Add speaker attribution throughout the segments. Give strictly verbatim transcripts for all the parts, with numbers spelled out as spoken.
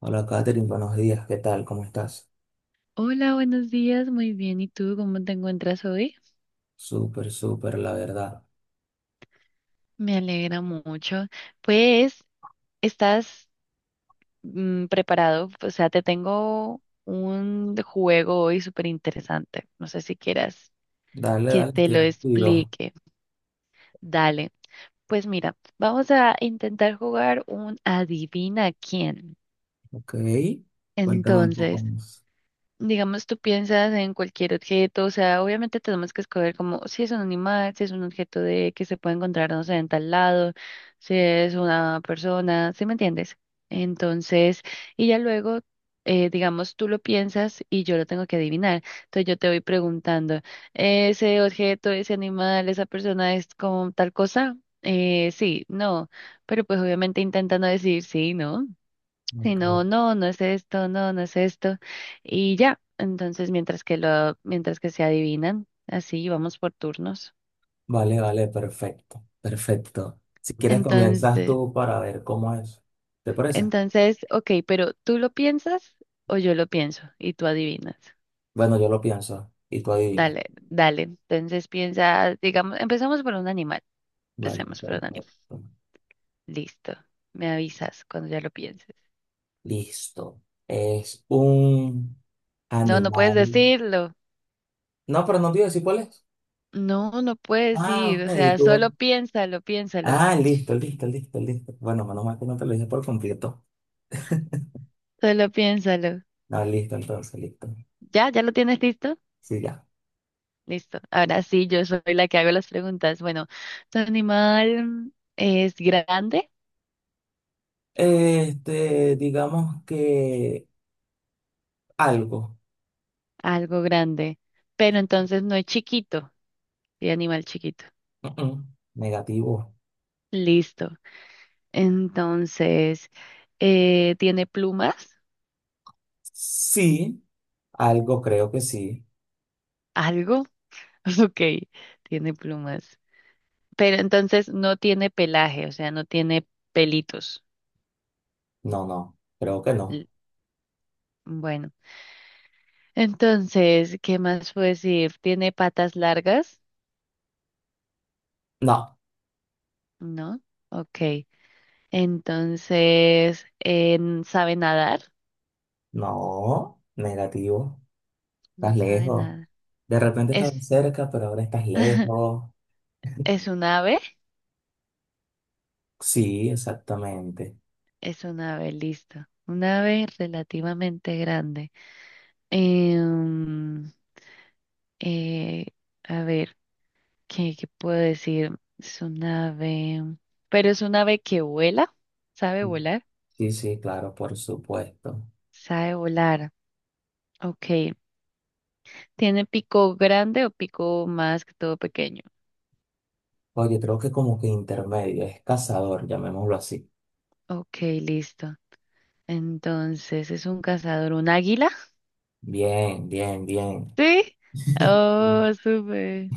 Speaker 1: Hola Katherine, buenos días, ¿qué tal? ¿Cómo estás?
Speaker 2: Hola, buenos días, muy bien. ¿Y tú cómo te encuentras hoy?
Speaker 1: Súper, súper, la verdad.
Speaker 2: Me alegra mucho. Pues, ¿estás mm, preparado? O sea, te tengo un juego hoy súper interesante. No sé si quieras
Speaker 1: Dale,
Speaker 2: que
Speaker 1: dale,
Speaker 2: te
Speaker 1: estoy
Speaker 2: lo
Speaker 1: activo.
Speaker 2: explique. Dale. Pues mira, vamos a intentar jugar un adivina quién.
Speaker 1: Ok, cuéntame un poco
Speaker 2: Entonces,
Speaker 1: más.
Speaker 2: digamos, tú piensas en cualquier objeto, o sea, obviamente tenemos que escoger como si es un animal, si es un objeto de que se puede encontrar, no sé, en tal lado, si es una persona, ¿sí me entiendes? Entonces, y ya luego, eh, digamos, tú lo piensas y yo lo tengo que adivinar. Entonces yo te voy preguntando, ¿ese objeto, ese animal, esa persona es como tal cosa? Eh, sí, no, pero pues obviamente intenta no decir sí, ¿no? Si no,
Speaker 1: Ok.
Speaker 2: no, no es esto, no, no es esto. Y ya, entonces mientras que lo, mientras que se adivinan, así vamos por turnos.
Speaker 1: Vale, vale, perfecto, perfecto. Si quieres comienzas
Speaker 2: Entonces,
Speaker 1: tú para ver cómo es. ¿Te parece?
Speaker 2: entonces, ok, pero ¿tú lo piensas o yo lo pienso y tú adivinas?
Speaker 1: Bueno, yo lo pienso y tú adivinas.
Speaker 2: Dale, dale. Entonces piensa, digamos, empezamos por un animal.
Speaker 1: Vale,
Speaker 2: Empecemos por un animal.
Speaker 1: perfecto.
Speaker 2: Listo. Me avisas cuando ya lo pienses.
Speaker 1: Listo. Es un
Speaker 2: No, no puedes
Speaker 1: animal.
Speaker 2: decirlo.
Speaker 1: No, pero no te iba a decir cuál es.
Speaker 2: No, no puedes
Speaker 1: Ah,
Speaker 2: ir.
Speaker 1: ok,
Speaker 2: O sea,
Speaker 1: tú.
Speaker 2: solo piénsalo, piénsalo.
Speaker 1: Ah, listo, listo, listo, listo. Bueno, menos mal que no te lo dije por completo.
Speaker 2: Solo piénsalo.
Speaker 1: Ah, listo, entonces, listo.
Speaker 2: ¿Ya? ¿Ya lo tienes listo?
Speaker 1: Sí, ya.
Speaker 2: Listo. Ahora sí, yo soy la que hago las preguntas. Bueno, ¿tu animal es grande?
Speaker 1: Este, digamos que algo.
Speaker 2: Algo grande. Pero entonces no es chiquito. Sí, animal chiquito.
Speaker 1: Mm, mm. Negativo.
Speaker 2: Listo. Entonces, eh, ¿tiene plumas?
Speaker 1: Sí, algo creo que sí.
Speaker 2: ¿Algo? Ok, tiene plumas. Pero entonces no tiene pelaje, o sea, no tiene pelitos.
Speaker 1: No, no, creo que no.
Speaker 2: L- Bueno, entonces, ¿qué más puedo decir? ¿Tiene patas largas?
Speaker 1: No,
Speaker 2: No. Ok. Entonces, em, ¿sabe nadar?
Speaker 1: no, negativo. Estás
Speaker 2: No sabe
Speaker 1: lejos.
Speaker 2: nada.
Speaker 1: De repente estabas
Speaker 2: Es,
Speaker 1: cerca, pero ahora estás lejos.
Speaker 2: es un ave,
Speaker 1: Sí, exactamente.
Speaker 2: es un ave, listo. Un ave relativamente grande. Em, eh, a ver, ¿qué, qué puedo decir? Es un ave, pero es un ave que vuela, ¿sabe volar?
Speaker 1: Sí, sí, claro, por supuesto.
Speaker 2: Sabe volar. Ok. ¿Tiene pico grande o pico más que todo pequeño?
Speaker 1: Oye, creo que como que intermedio, es cazador, llamémoslo así.
Speaker 2: Ok, listo. Entonces, ¿es un cazador, un águila?
Speaker 1: Bien, bien, bien.
Speaker 2: ¿Sí? Oh, súper.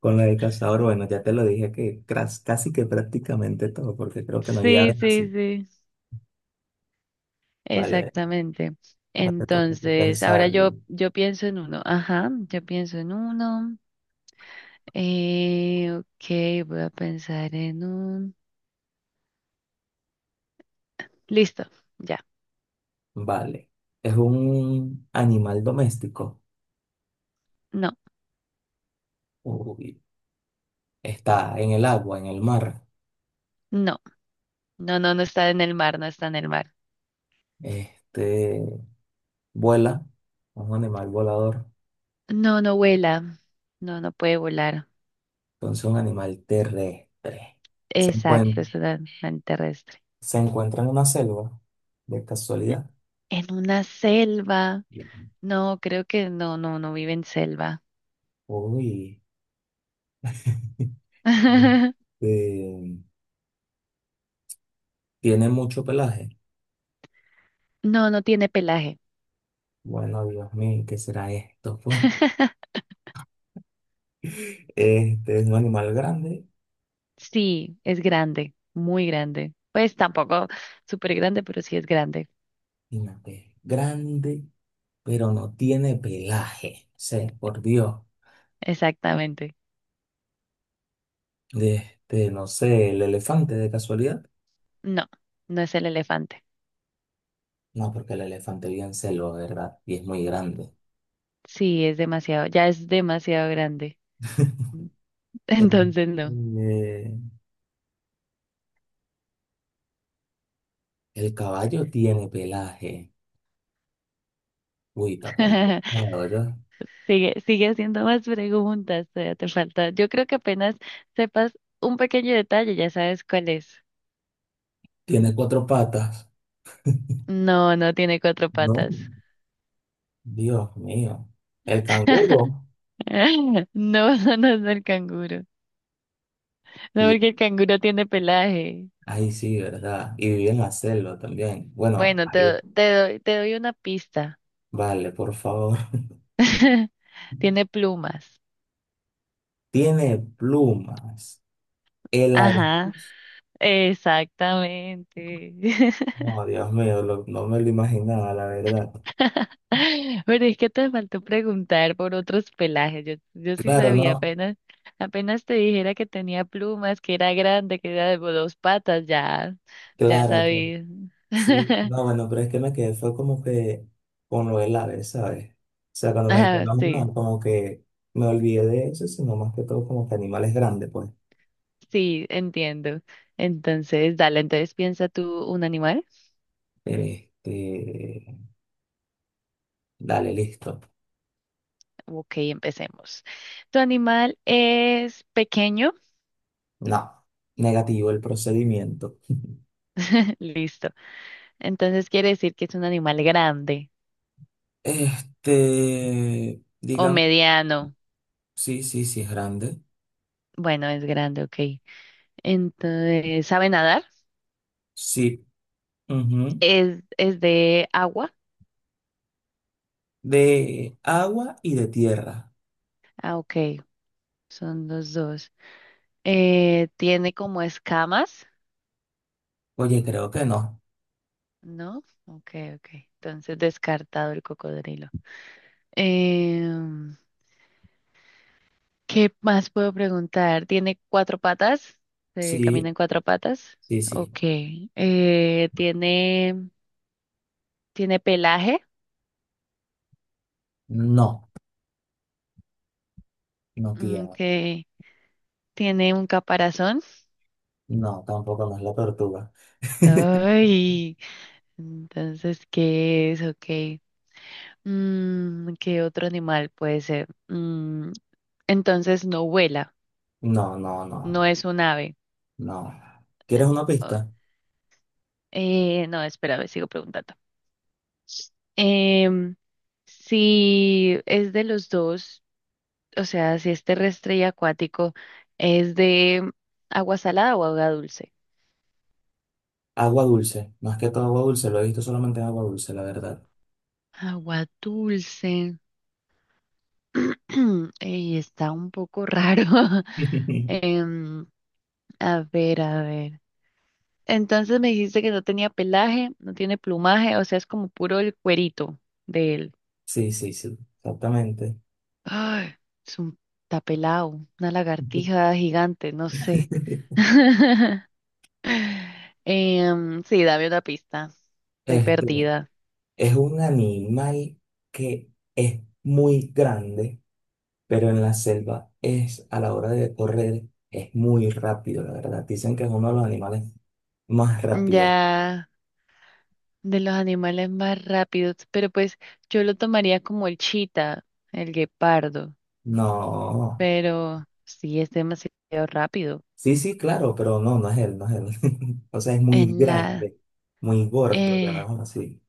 Speaker 1: Con la de cazador, bueno, ya te lo dije que cras- casi que prácticamente todo, porque creo que no hay
Speaker 2: Sí,
Speaker 1: aves
Speaker 2: sí,
Speaker 1: así.
Speaker 2: sí.
Speaker 1: Vale,
Speaker 2: Exactamente.
Speaker 1: ahora te toca a ti
Speaker 2: Entonces, ahora
Speaker 1: pensar.
Speaker 2: yo, yo pienso en uno. Ajá, yo pienso en uno. Eh, ok, voy a pensar en un. Listo, ya.
Speaker 1: Vale, es un animal doméstico.
Speaker 2: No,
Speaker 1: Uy, está en el agua, en el mar.
Speaker 2: no, no, no, no está en el mar, no está en el mar.
Speaker 1: Este, vuela, es un animal volador,
Speaker 2: No, no vuela. No, no puede volar.
Speaker 1: entonces un animal terrestre. Se
Speaker 2: Exacto,
Speaker 1: encuentra,
Speaker 2: es un animal terrestre.
Speaker 1: se encuentra en una selva, de casualidad.
Speaker 2: En una selva. No, creo que no, no, no vive en selva.
Speaker 1: Uy, este, tiene mucho pelaje.
Speaker 2: No, no tiene pelaje.
Speaker 1: Bueno, Dios mío, ¿qué será esto? Pues, este es un animal grande,
Speaker 2: Sí, es grande, muy grande. Pues tampoco súper grande, pero sí es grande.
Speaker 1: imagínate, grande, pero no tiene pelaje. Sí, por Dios.
Speaker 2: Exactamente.
Speaker 1: De este, no sé, el elefante de casualidad.
Speaker 2: No, no es el elefante.
Speaker 1: No, porque el elefante bien celo, ¿verdad? Y es muy grande.
Speaker 2: Sí, es demasiado, ya es demasiado grande.
Speaker 1: Eh,
Speaker 2: Entonces no.
Speaker 1: eh, el caballo tiene pelaje. Uy, está complicado, ¿ya?
Speaker 2: Sigue, sigue haciendo más preguntas, todavía te falta. Yo creo que apenas sepas un pequeño detalle, ya sabes cuál es.
Speaker 1: Tiene cuatro patas.
Speaker 2: No, no tiene cuatro
Speaker 1: No,
Speaker 2: patas.
Speaker 1: Dios mío. El canguro.
Speaker 2: No, no, no es el canguro. No, porque el canguro tiene pelaje.
Speaker 1: Ay, sí, ¿verdad? Y vive en la selva también. Bueno,
Speaker 2: Bueno, te, do-
Speaker 1: ahí,
Speaker 2: te doy, te doy una pista.
Speaker 1: vale, por favor.
Speaker 2: Tiene plumas.
Speaker 1: Tiene plumas. El
Speaker 2: Ajá,
Speaker 1: avestruz.
Speaker 2: exactamente.
Speaker 1: No, Dios mío, lo- no me lo imaginaba, la verdad.
Speaker 2: Pero es que te faltó preguntar por otros pelajes. Yo, yo sí
Speaker 1: Claro,
Speaker 2: sabía,
Speaker 1: no,
Speaker 2: apenas, apenas te dijera que tenía plumas, que era grande, que era de dos patas, ya, ya
Speaker 1: claro, pero-
Speaker 2: sabía.
Speaker 1: sí. No, bueno, pero es que me quedé, fue como que con lo del ave, ¿sabes? O sea, cuando me dijeron,
Speaker 2: Ah,
Speaker 1: no,
Speaker 2: sí,
Speaker 1: no, como que me olvidé de eso, sino más que todo como que animales grandes, pues.
Speaker 2: sí, entiendo. Entonces, dale, entonces piensa tú un animal.
Speaker 1: Este, dale, listo.
Speaker 2: Ok, empecemos. Tu animal es pequeño.
Speaker 1: No, negativo el procedimiento.
Speaker 2: Listo. Entonces quiere decir que es un animal grande
Speaker 1: Este,
Speaker 2: o
Speaker 1: digamos,
Speaker 2: mediano.
Speaker 1: sí, sí, sí es grande.
Speaker 2: Bueno, es grande, ok. Entonces, ¿sabe nadar?
Speaker 1: Sí, ujú.
Speaker 2: ¿Es, es de agua?
Speaker 1: De agua y de tierra.
Speaker 2: Ah, ok. Son los dos. Eh, ¿tiene como escamas?
Speaker 1: Oye, creo que no.
Speaker 2: ¿No? Ok, ok. Entonces, descartado el cocodrilo. Eh, ¿Qué más puedo preguntar? ¿Tiene cuatro patas? ¿Se camina
Speaker 1: Sí,
Speaker 2: en cuatro patas?
Speaker 1: sí, sí.
Speaker 2: Ok. Eh, ¿tiene, tiene pelaje?
Speaker 1: No, no
Speaker 2: Ok.
Speaker 1: tiene.
Speaker 2: ¿Tiene un caparazón?
Speaker 1: No, tampoco no es la tortuga.
Speaker 2: Ay, entonces, ¿qué es? Ok. Mm, ¿qué otro animal puede ser? Mm, entonces, no vuela,
Speaker 1: No, no, no,
Speaker 2: no es un ave.
Speaker 1: no. ¿Quieres una
Speaker 2: Oh,
Speaker 1: pista?
Speaker 2: eh, no, espera, a ver, sigo preguntando. Em, si es de los dos, o sea, si es terrestre y acuático, ¿es de agua salada o agua dulce?
Speaker 1: Agua dulce. Más que todo agua dulce. Lo he visto solamente en agua dulce, la verdad.
Speaker 2: Agua dulce. Ey, está un poco raro. Em, a ver, a ver. Entonces me dijiste que no tenía pelaje, no tiene plumaje, o sea, es como puro el cuerito de él.
Speaker 1: Sí, sí, sí. Exactamente.
Speaker 2: Ay, es un está pelado, una lagartija gigante, no sé. Em, sí, dame una pista. Estoy
Speaker 1: Este.
Speaker 2: perdida.
Speaker 1: Es un animal que es muy grande, pero en la selva es, a la hora de correr, es muy rápido, la verdad. Dicen que es uno de los animales más rápidos.
Speaker 2: Ya de los animales más rápidos, pero pues yo lo tomaría como el chita, el guepardo,
Speaker 1: No,
Speaker 2: pero sí es demasiado rápido.
Speaker 1: sí, sí, claro, pero no, no es él, no es él. O sea, es muy
Speaker 2: En la,
Speaker 1: grande, muy gordo,
Speaker 2: eh,
Speaker 1: llamémoslo así.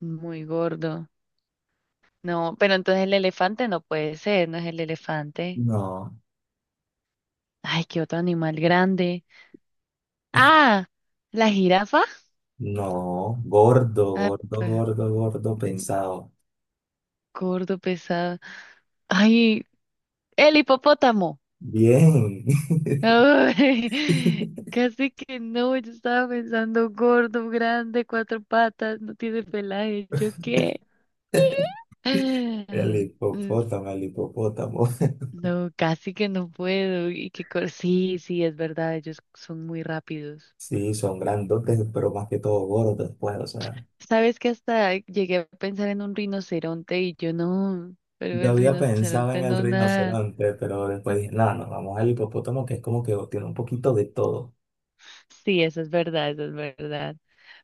Speaker 2: muy gordo. No, pero entonces el elefante no puede ser, no es el elefante.
Speaker 1: No,
Speaker 2: Ay, qué otro animal grande. Ah, la jirafa.
Speaker 1: no, gordo,
Speaker 2: Ah,
Speaker 1: gordo,
Speaker 2: pues,
Speaker 1: gordo, gordo,
Speaker 2: mm,
Speaker 1: pesado.
Speaker 2: gordo, pesado. Ay, el hipopótamo.
Speaker 1: Bien,
Speaker 2: Ay, casi que no, yo estaba pensando gordo, grande, cuatro patas, no tiene pelaje, ¿yo qué?
Speaker 1: el
Speaker 2: Mm,
Speaker 1: hipopótamo, el hipopótamo.
Speaker 2: no, casi que no puedo, y que cor- sí, sí, es verdad, ellos son muy rápidos.
Speaker 1: Sí, son grandotes, pero más que todo gordos, después o sea.
Speaker 2: Sabes que hasta llegué a pensar en un rinoceronte y yo no, pero
Speaker 1: Yo
Speaker 2: el
Speaker 1: había pensado en
Speaker 2: rinoceronte
Speaker 1: el
Speaker 2: no nada.
Speaker 1: rinoceronte, pero después dije, no, nos vamos al hipopótamo, que es como que tiene un poquito de todo.
Speaker 2: Sí, eso es verdad, eso es verdad.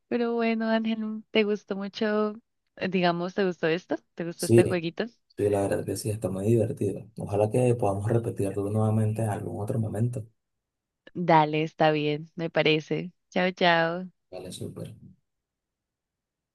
Speaker 2: Pero bueno, Ángel, ¿te gustó mucho, eh, digamos, te gustó esto? ¿Te gustó este
Speaker 1: Sí,
Speaker 2: jueguito?
Speaker 1: sí, la verdad que sí, está muy divertido. Ojalá que podamos repetirlo nuevamente en algún otro momento.
Speaker 2: Dale, está bien, me parece. Chao, chao.
Speaker 1: Vale, súper.